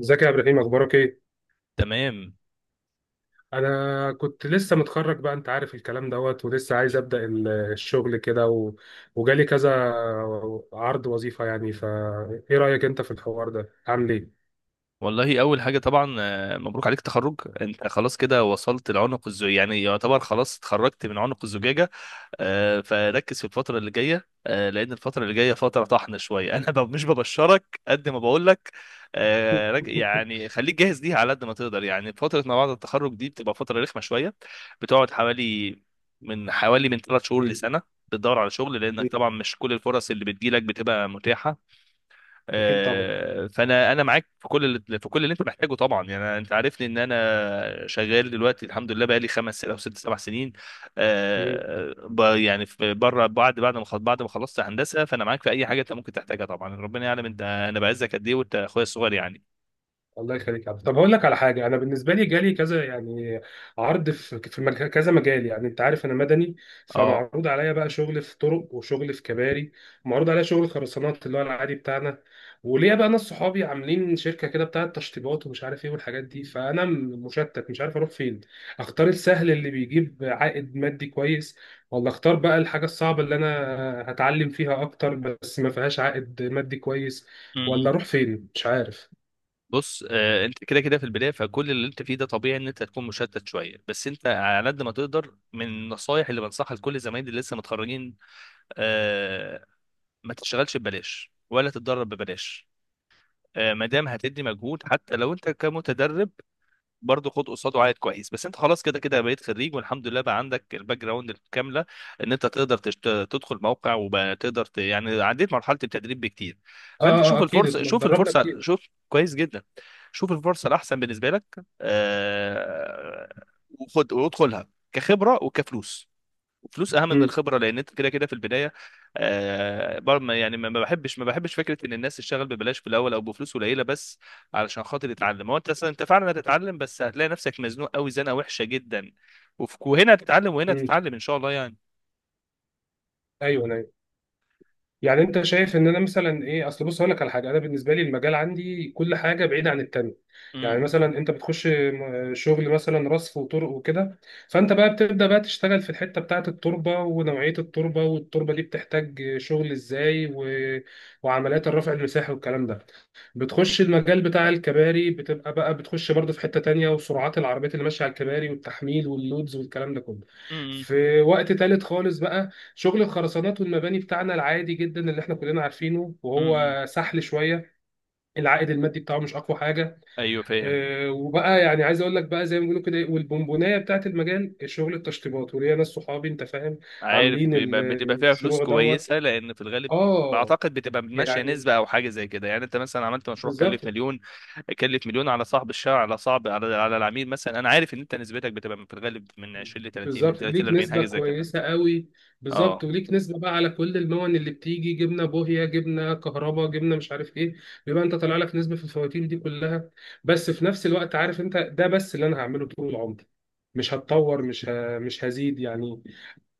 ازيك يا ابراهيم؟ اخبارك ايه؟ تمام. انا كنت لسه متخرج، بقى انت عارف الكلام دوت، ولسه عايز ابدا الشغل كده وجالي كذا عرض وظيفه يعني، فا ايه رايك انت في الحوار ده؟ عامل ايه؟ والله اول حاجه طبعا مبروك عليك تخرج. انت خلاص كده وصلت لعنق الزجاجه، يعني يعتبر خلاص اتخرجت من عنق الزجاجه. فركز في الفتره اللي جايه، لان الفتره اللي جايه فتره طحن شويه. مش ببشرك قد ما بقول لك. يعني خليك جاهز ليها على قد ما تقدر، يعني فتره ما بعد التخرج دي بتبقى فتره رخمه شويه. بتقعد حوالي، من ثلاث شهور مم. لسنه، بتدور على شغل لانك مم. طبعا مش كل الفرص اللي بتجيلك بتبقى متاحه. اكيد طبعا. فانا معاك في كل اللي انت محتاجه طبعا، يعني انت عارفني ان انا شغال دلوقتي الحمد لله بقالي خمس او ست سبع سنين. بره، بعد ما خلصت هندسه، فانا معاك في اي حاجه انت ممكن تحتاجها طبعا. ربنا يعلم انا بعزك قد ايه، وانت اخويا الصغير يعني. الله يخليك يا عبد. طب هقول لك على حاجه. انا بالنسبه لي جالي كذا يعني عرض في كذا مجال، يعني انت عارف انا مدني، اه. فمعروض عليا بقى شغل في طرق وشغل في كباري، معروض عليا شغل خرسانات اللي هو العادي بتاعنا، وليا بقى ناس صحابي عاملين شركه كده بتاعت تشطيبات ومش عارف ايه والحاجات دي، فانا مشتت، مش عارف اروح فين. اختار السهل اللي بيجيب عائد مادي كويس، ولا اختار بقى الحاجه الصعبه اللي انا هتعلم فيها اكتر بس ما فيهاش عائد مادي كويس، ولا امم. اروح فين مش عارف. بص، انت كده كده في البدايه، فكل اللي انت فيه ده طبيعي ان انت تكون مشتت شويه. بس انت على قد ما تقدر من النصايح اللي بنصحها لكل زمايلي اللي لسه متخرجين، آه، ما تشتغلش ببلاش ولا تتدرب ببلاش. ما دام هتدي مجهود حتى لو انت كمتدرب، برضه خد قصاده عائد كويس. بس انت خلاص كده كده بقيت خريج والحمد لله، بقى عندك الباك جراوند الكامله ان انت تقدر تدخل موقع وبقى تقدر يعني عديت مرحله التدريب بكتير. فانت شوف اكيد. الفرصه، جربنا كتير. شوف كويس جدا، شوف الفرصه الاحسن بالنسبه لك، وخد وادخلها كخبره وكفلوس. فلوس اهم من امم. الخبره لان انت كده كده في البدايه. آه بر- ما- يعني ما ما بحبش، فكره ان الناس تشتغل ببلاش في الاول او بفلوس قليله بس علشان خاطر تتعلم. هو انت اصلا انت فعلا هتتعلم، بس هتلاقي نفسك مزنوق قوي زنقه وحشه جدا. وهنا امم. هتتعلم ان شاء الله يعني. ايوه ايوه. يعني انت شايف ان انا مثلا ايه؟ اصل بص اقول لك على حاجه: انا بالنسبه لي المجال عندي كل حاجه بعيده عن التانيه. يعني امم. مثلا انت بتخش شغل مثلا رصف وطرق وكده، فانت بقى بتبدا بقى تشتغل في الحته بتاعه التربه ونوعيه التربه والتربه دي بتحتاج شغل ازاي. وعمليات الرفع المساحي والكلام ده. بتخش المجال بتاع الكباري بتبقى بقى بتخش برضه في حتة تانية، وسرعات العربيات اللي ماشية على الكباري والتحميل واللودز والكلام ده كله. امم. في وقت تالت خالص بقى شغل الخرسانات والمباني بتاعنا العادي جدا اللي احنا كلنا عارفينه امم. وهو سحل شويه. العائد المادي بتاعه مش اقوى حاجه. ايوه فاهم. اه، وبقى يعني عايز اقول لك بقى زي ما بيقولوا كده، والبونبونايه بتاعت المجال شغل التشطيبات وليا ناس صحابي انت فاهم، عارف، عاملين بتبقى فيها فلوس الشروع دوت. كويسه لان في الغالب اه، بعتقد بتبقى ماشيه يعني نسبه او حاجه زي كده. يعني انت مثلا عملت مشروع بالظبط. كلف مليون، على صاحب الشارع، على صاحب، على على العميل مثلا. انا عارف ان انت نسبتك بتبقى في الغالب من 20 ل 30، من بالظبط، 30 ل ليك 40، نسبة حاجه زي كده. كويسة قوي. بالظبط، اه. وليك نسبة بقى على كل المون اللي بتيجي، جبنة بوهية، جبنة كهرباء، جبنة مش عارف ايه، بيبقى انت طالع لك نسبة في الفواتير دي كلها. بس في نفس الوقت عارف انت، ده بس اللي انا هعمله طول عمري، مش هتطور، مش هزيد يعني.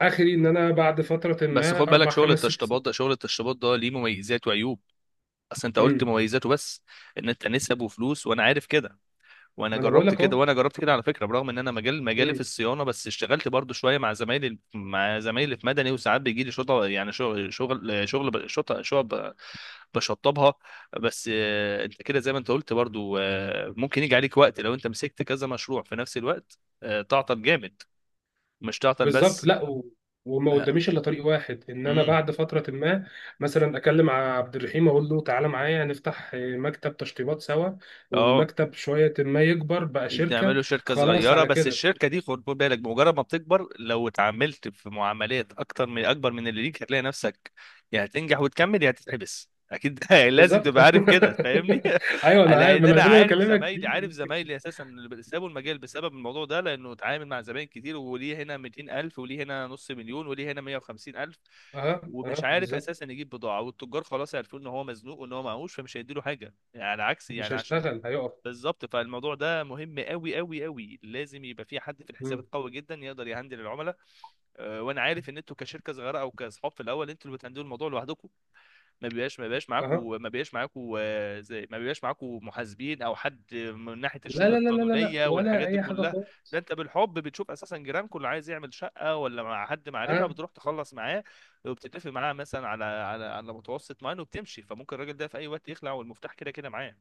اخري ان انا بعد فترة بس ما خد اربع بالك، خمس ست سنين. شغل التشطيبات ده ليه مميزات وعيوب. اصل انت امم. قلت مميزاته بس، ان انت نسب وفلوس. وانا عارف كده، ما انا بقول لك. وانا جربت كده على فكره، برغم ان انا مجال مجالي اهو. في الصيانه، بس اشتغلت برضو شويه مع زمايلي، في مدني، وساعات بيجي لي شطه. يعني شغل شطه بشطبها. بس انت كده زي ما انت قلت برضو، ممكن يجي عليك وقت لو انت مسكت كذا مشروع في نفس الوقت، تعطل جامد. مش تعطل بالظبط. بس. لا و... وما اه. قداميش الا طريق واحد، ان انا امم. بعد فتره ما مثلا اكلم عبد الرحيم اقول له تعالى معايا هنفتح مكتب تشطيبات سوا، اه. والمكتب شويه ما يكبر بقى شركه. تعملوا شركة خلاص صغيرة، على بس كده. الشركة دي خد بالك، بمجرد ما بتكبر لو اتعاملت في معاملات أكتر، من أكبر من اللي ليك هتلاقي نفسك يا هتنجح وتكمل يا هتتحبس أكيد. لازم بالظبط. تبقى عارف كده، فاهمني؟ ايوه انا عارف، ما لأن أنا أنا ده اللي عارف بكلمك زمايلي، فيه. أساسا اللي سابوا المجال بسبب الموضوع ده، لأنه اتعامل مع زباين كتير، وليه هنا 200,000، وليه هنا نص مليون، وليه هنا 150,000، اها ومش اها عارف بالظبط. اساسا يجيب بضاعه، والتجار خلاص عارفين ان هو مزنوق وان هو معهوش، فمش هيديله حاجه يعني. على عكس مش يعني، عشان هيشتغل، هيقف. بالظبط. فالموضوع ده مهم قوي قوي قوي، لازم يبقى في حد في الحسابات مم. قوي جدا يقدر يهندل العملاء. وانا عارف ان انتوا كشركه صغيره او كاصحاب في الاول انتوا اللي بتهندلوا الموضوع لوحدكم. ما بيبقاش ما بيبقاش اها. معاكم ما بيبقاش معاكم، زي ما بيبقاش معاكم محاسبين او حد من ناحيه لا الشؤون لا لا لا لا لا، القانونيه ولا والحاجات دي اي حاجه كلها. خالص. ده انت بالحب بتشوف اساسا جيرانكم اللي عايز يعمل شقه، ولا مع حد معرفه اه. بتروح تخلص معاه وبتتفق معاه مثلا على متوسط معين وبتمشي. فممكن الراجل ده في اي وقت يخلع والمفتاح كده كده معاه.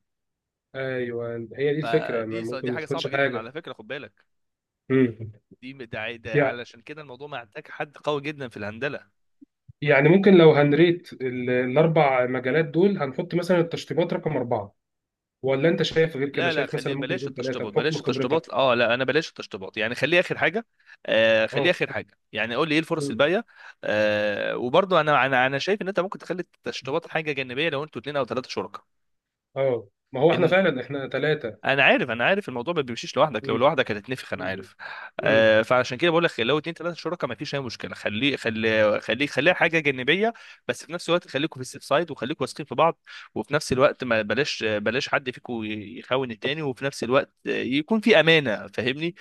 ايوه هي دي الفكره، ما ممكن دي ما حاجه تاخدش صعبه جدا على حاجه. فكره، خد بالك. مم. ده علشان كده الموضوع محتاج حد قوي جدا في الهندله. يعني ممكن لو هنريت الاربع مجالات دول هنحط مثلا التشطيبات رقم اربعه؟ ولا انت شايف غير كده؟ لا لا، شايف خليه مثلا ممكن بلاش يكون ثلاثه التشطيبات، بلاش بحكم التشطيبات خبرتك؟ اه لا انا بلاش التشطيبات يعني، خليه اخر حاجه. آه خليه اه. اخر حاجه، يعني قول لي ايه الفرص مم. الباقيه. آه وبرضه انا شايف ان انت ممكن تخلي التشطيبات حاجه جانبيه لو انتوا اتنين او ثلاثه شركاء. اه، ما هو احنا ان فعلا احنا ثلاثه. انا عارف الموضوع ما بيمشيش لوحدك، لو يا لوحدك هتتنفخ انا عارف. آه، فعشان كده بقول لك لو اتنين تلاته شركاء ما فيش اي مشكله، خليها حاجه جانبيه. بس في نفس الوقت خليكم في السيف سايد، وخليكم واثقين في بعض. وفي نفس الوقت ما بلاش بلاش حد فيكم يخون التاني، وفي نفس الوقت يكون في امانه، فاهمني؟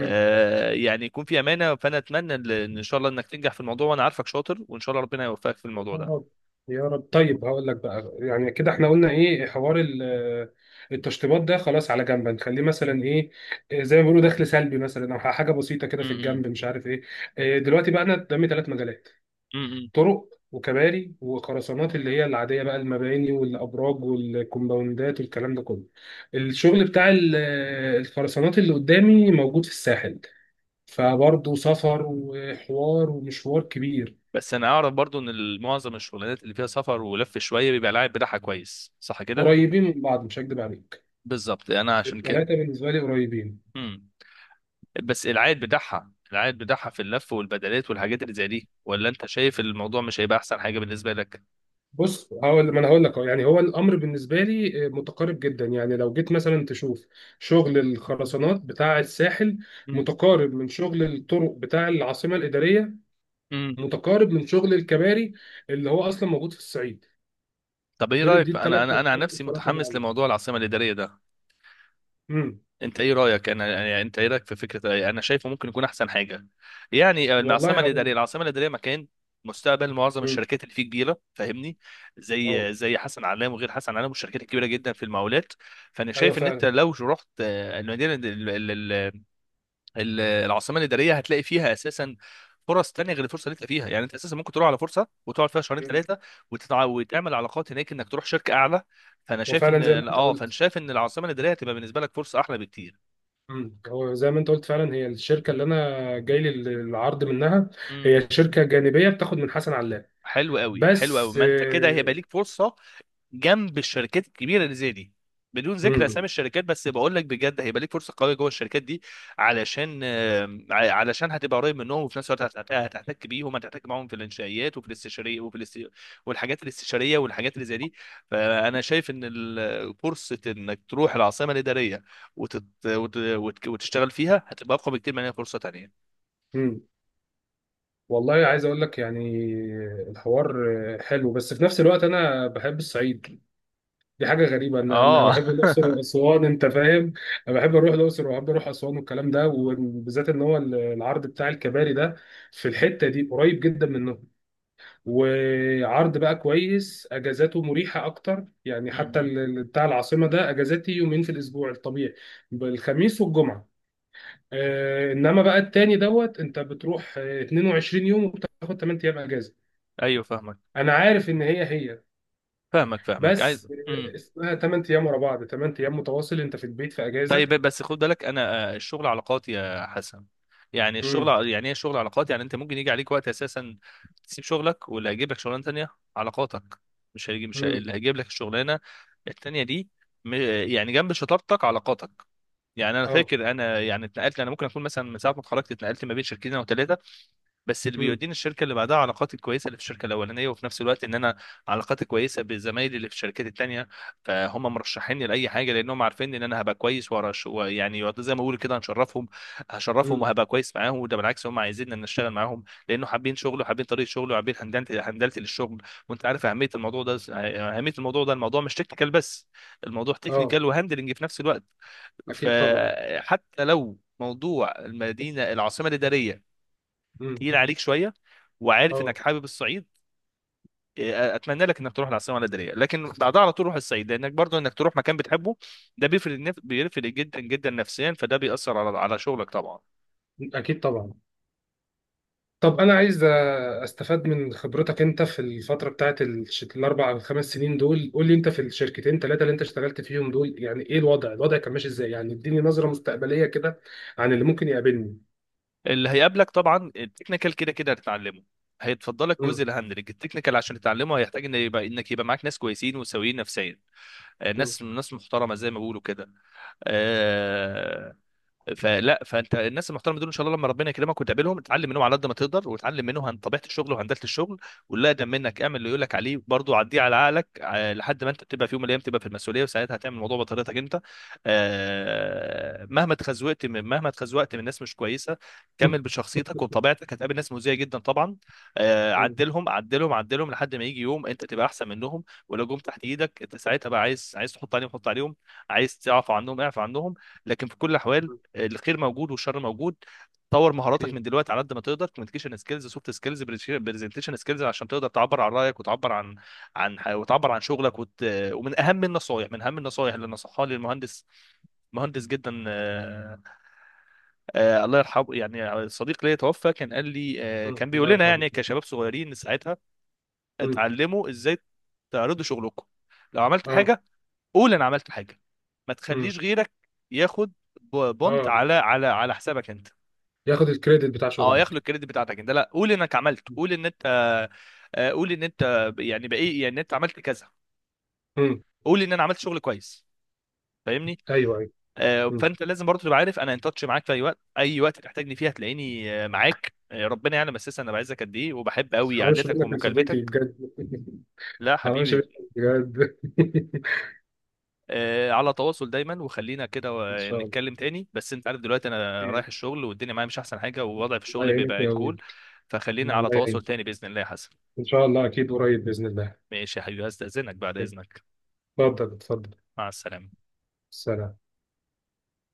آه، يعني يكون في امانه. فانا اتمنى ان إن شاء الله انك تنجح في الموضوع، وانا عارفك شاطر، وان شاء الله ربنا يوفقك في الموضوع ده. رب يا رب. طيب هقول لك بقى، يعني كده احنا قلنا ايه، حوار التشطيبات ده خلاص، على جنب نخليه مثلا ايه؟ إيه زي ما بيقولوا دخل سلبي مثلا او حاجه بسيطه كده في الجنب م. مش عارف ايه. دلوقتي بقى انا قدامي ثلاث مجالات: م. طرق وكباري وخرسانات اللي هي العادية بقى، المباني والأبراج والكومباوندات والكلام ده كله. الشغل بتاع الخرسانات اللي قدامي موجود في الساحل، فبرضه سفر وحوار ومشوار كبير. بس انا اعرف برضو ان معظم الشغلانات اللي فيها سفر ولف شويه بيبقى العائد بتاعها كويس، صح كده؟ قريبين من بعض مش هكدب عليك. بالظبط، انا عشان كده. الثلاثة بالنسبة لي قريبين. امم. بس العائد بتاعها، في اللف والبدلات والحاجات اللي زي دي، ولا انت شايف الموضوع مش هيبقى احسن حاجه بالنسبه لك؟ بص هقول، ما انا هقول لك أهو. يعني هو الامر بالنسبه لي متقارب جدا. يعني لو جيت مثلا تشوف شغل الخرسانات بتاع الساحل امم. متقارب من شغل الطرق بتاع العاصمه الاداريه، امم. متقارب من شغل الكباري اللي هو اصلا موجود في الصعيد. طب ايه دول دي رايك؟ الثلاث انا عن الثلاث نفسي الفروقات اللي متحمس عندي. لموضوع العاصمه الاداريه ده. امم. انت ايه رايك؟ انا يعني انت ايه رايك في فكره انا شايفه ممكن يكون احسن حاجه؟ يعني والله العاصمه الاداريه، هقول. العاصمه الاداريه مكان مستقبل، معظم امم. الشركات اللي فيه كبيره، فاهمني؟ اه زي حسن علام، وغير حسن علام والشركات الكبيره جدا في المقاولات. فانا ايوه شايف ان انت فعلا. لو رحت آه، المدينه ال- ال- ال- ال- العاصمه الاداريه، هتلاقي فيها اساسا فرص تانية غير الفرصه اللي انت فيها. يعني انت اساسا ممكن تروح على فرصه وتقعد فيها شهرين امم. ثلاثه، وتعمل علاقات هناك انك تروح شركه اعلى. فانا هو شايف ان، فعلا زي ما انت اه فانا قلت. شايف ان العاصمه الاداريه هتبقى بالنسبه لك فرصه احلى بكتير. امم. هو زي ما انت قلت فعلا، هي الشركه اللي انا جاي لي العرض منها مم. هي شركه جانبيه بتاخد من حسن علاء. حلو قوي حلو قوي، بس. ما انت كده هيبقى ليك فرصه جنب الشركات الكبيره اللي زي دي، بدون ذكر امم. اسامي الشركات، بس بقول لك بجد هيبقى ليك فرصه قويه جوه الشركات دي. علشان هتبقى قريب منهم، وفي نفس الوقت هتحتك بيهم، هتحتك معاهم في الانشائيات وفي الاستشاريه والحاجات الاستشاريه والحاجات اللي زي دي. فانا شايف ان فرصه انك تروح العاصمه الاداريه وتشتغل فيها هتبقى اقوى بكتير من اي فرصه تانيه. امم. والله عايز اقول لك يعني الحوار حلو، بس في نفس الوقت انا بحب الصعيد. دي حاجة غريبة. أنا اه. بحب الأقصر وأسوان، أنت فاهم؟ أنا بحب أروح الأقصر وبحب أروح أسوان والكلام ده، وبالذات إن هو العرض بتاع الكباري ده في الحتة دي قريب جدا منهم. وعرض بقى كويس، أجازاته مريحة أكتر، يعني حتى مم. بتاع العاصمة ده أجازاتي يومين في الأسبوع الطبيعي بالخميس والجمعة. إنما بقى التاني دوت، أنت بتروح 22 يوم وبتاخد 8 أيام أجازة. ايوه فاهمك، أنا عارف إن هي هي، عايز. بس امم. اسمها 8 ايام ورا بعض، 8 ايام متواصل انت في البيت في طيب اجازه. بس خد بالك انا، الشغل علاقات يا حسن. امم. يعني ايه الشغل علاقات؟ يعني انت ممكن يجي عليك وقت اساسا تسيب شغلك، واللي هيجيب لك شغلانه تانية علاقاتك. مش هيجي مش هي- امم. اللي هيجيب لك الشغلانه التانية دي م- يعني جنب شطارتك علاقاتك. يعني انا اه. فاكر انا يعني اتنقلت، انا ممكن اكون مثلا من ساعه ما اتخرجت اتنقلت ما بين شركتين او ثلاثه. بس اللي امم. بيوديني الشركه اللي بعدها علاقاتي الكويسه اللي في الشركه الاولانيه، وفي نفس الوقت ان انا علاقاتي كويسه بزمايلي اللي في الشركات التانيه. فهم مرشحيني لاي حاجه لانهم عارفين ان انا هبقى كويس، وأرش- ويعني يقعدوا زي ما بقول كده هنشرفهم، هشرفهم امم. وهبقى كويس معاهم. وده بالعكس، هم عايزين ان نشتغل معاهم لانه حابين شغله، وحابين طريقه شغله، وحابين هندلتي للشغل. وانت عارف اهميه الموضوع ده، الموضوع مش تكنيكال بس، الموضوع اه تكنيكال وهندلنج في نفس الوقت. اكيد طبعا. فحتى لو موضوع المدينه العاصمه الاداريه امم. تقيل عليك شويه، وعارف انك اه حابب الصعيد، إيه، اتمنى لك انك تروح العاصمه الاداريه، لكن بعدها على طول روح الصعيد، لانك برضو انك تروح مكان بتحبه ده بيفرق، بيفرق جدا جدا نفسيا، فده بيأثر على شغلك طبعا. اكيد طبعا. طب انا عايز استفاد من خبرتك انت في الفتره بتاعت الاربع او خمس سنين دول. قول لي انت في الشركتين ثلاثه اللي انت اشتغلت فيهم دول، يعني ايه الوضع؟ الوضع كان ماشي ازاي يعني؟ اديني نظره مستقبليه كده عن اللي ممكن يقابلني. اللي هيقابلك طبعا التكنيكال كده كده هتتعلمه. هيتفضلك جزء امم. الهاندلنج، التكنيكال عشان تتعلمه هيحتاج ان يبقى انك يبقى معاك ناس كويسين وسويين نفسيا. امم. ناس، ناس محترمه زي ما بيقولوا كده. آه، فلا فانت الناس المحترمه دول ان شاء الله لما ربنا يكرمك وتقابلهم، اتعلم منهم على قد ما تقدر، وتعلم منهم عن طبيعه الشغل وهندله الشغل. واللي اقدم منك اعمل اللي يقول لك عليه، برضه عديه على عقلك، لحد ما انت تبقى في يوم من الايام تبقى في المسؤوليه، وساعتها هتعمل الموضوع بطريقتك انت. مهما اتخزوقت من ناس مش كويسه، كمل بشخصيتك وبطبيعتك. هتقابل ناس مؤذيه جدا طبعا، امم. عدلهم لحد ما يجي يوم انت تبقى احسن منهم، ولو جم تحت ايدك انت ساعتها بقى، عايز تحط عليهم حط عليهم، عايز تعفو عنهم اعفو عنهم. لكن في كل الاحوال أمم. الخير موجود والشر موجود. طور مهاراتك أكيد. من دلوقتي على قد ما تقدر، كوميونيكيشن سكيلز، سوفت سكيلز، برزنتيشن سكيلز، عشان تقدر تعبر عن رايك، وتعبر عن وتعبر عن شغلك ومن اهم النصائح، اللي نصحها لي المهندس، مهندس جدا، الله يرحمه، يعني صديق ليا توفى، كان قال لي، أمم. كان الله بيقول لنا يرحمه. يعني كشباب صغيرين ساعتها، أمم. اتعلموا ازاي تعرضوا شغلكم. لو عملت اه. حاجه قول انا عملت حاجه، ما امم. تخليش غيرك ياخد بونت اه، على حسابك انت. ياخد الكريدت بتاع اه ياخدوا شغلك. الكريدت بتاعتك انت. لا، قول انك عملت، قول ان انت، قول ان انت يعني بايه، يعني انت عملت كذا، امم. قول ان انا عملت شغل كويس، فاهمني؟ ايوه ايوه. امم. فانت لازم برضه تبقى عارف انا ان تاتش معاك في اي وقت، اي وقت تحتاجني فيها هتلاقيني، معاك. ربنا يعلم اساسا انا بعزك قد ايه، وبحب قوي حرامش قعدتك منك يا صديقي ومكالمتك. بجد. لا حرامش منك حبيبي. بجد. على تواصل دايما، وخلينا كده ان شاء الله. نتكلم تاني. بس انت عارف دلوقتي انا أوكي. رايح الشغل، والدنيا معايا مش احسن حاجه، ووضعي في الله الشغل يعينك بيبقى يا انكول. ابوي. فخلينا الله على تواصل يعينك. تاني باذن الله يا حسن. ان شاء الله اكيد قريب باذن الله. ماشي يا حبيبي، هستأذنك بعد أوكي. اذنك. اتفضل اتفضل. مع السلامة. سلام.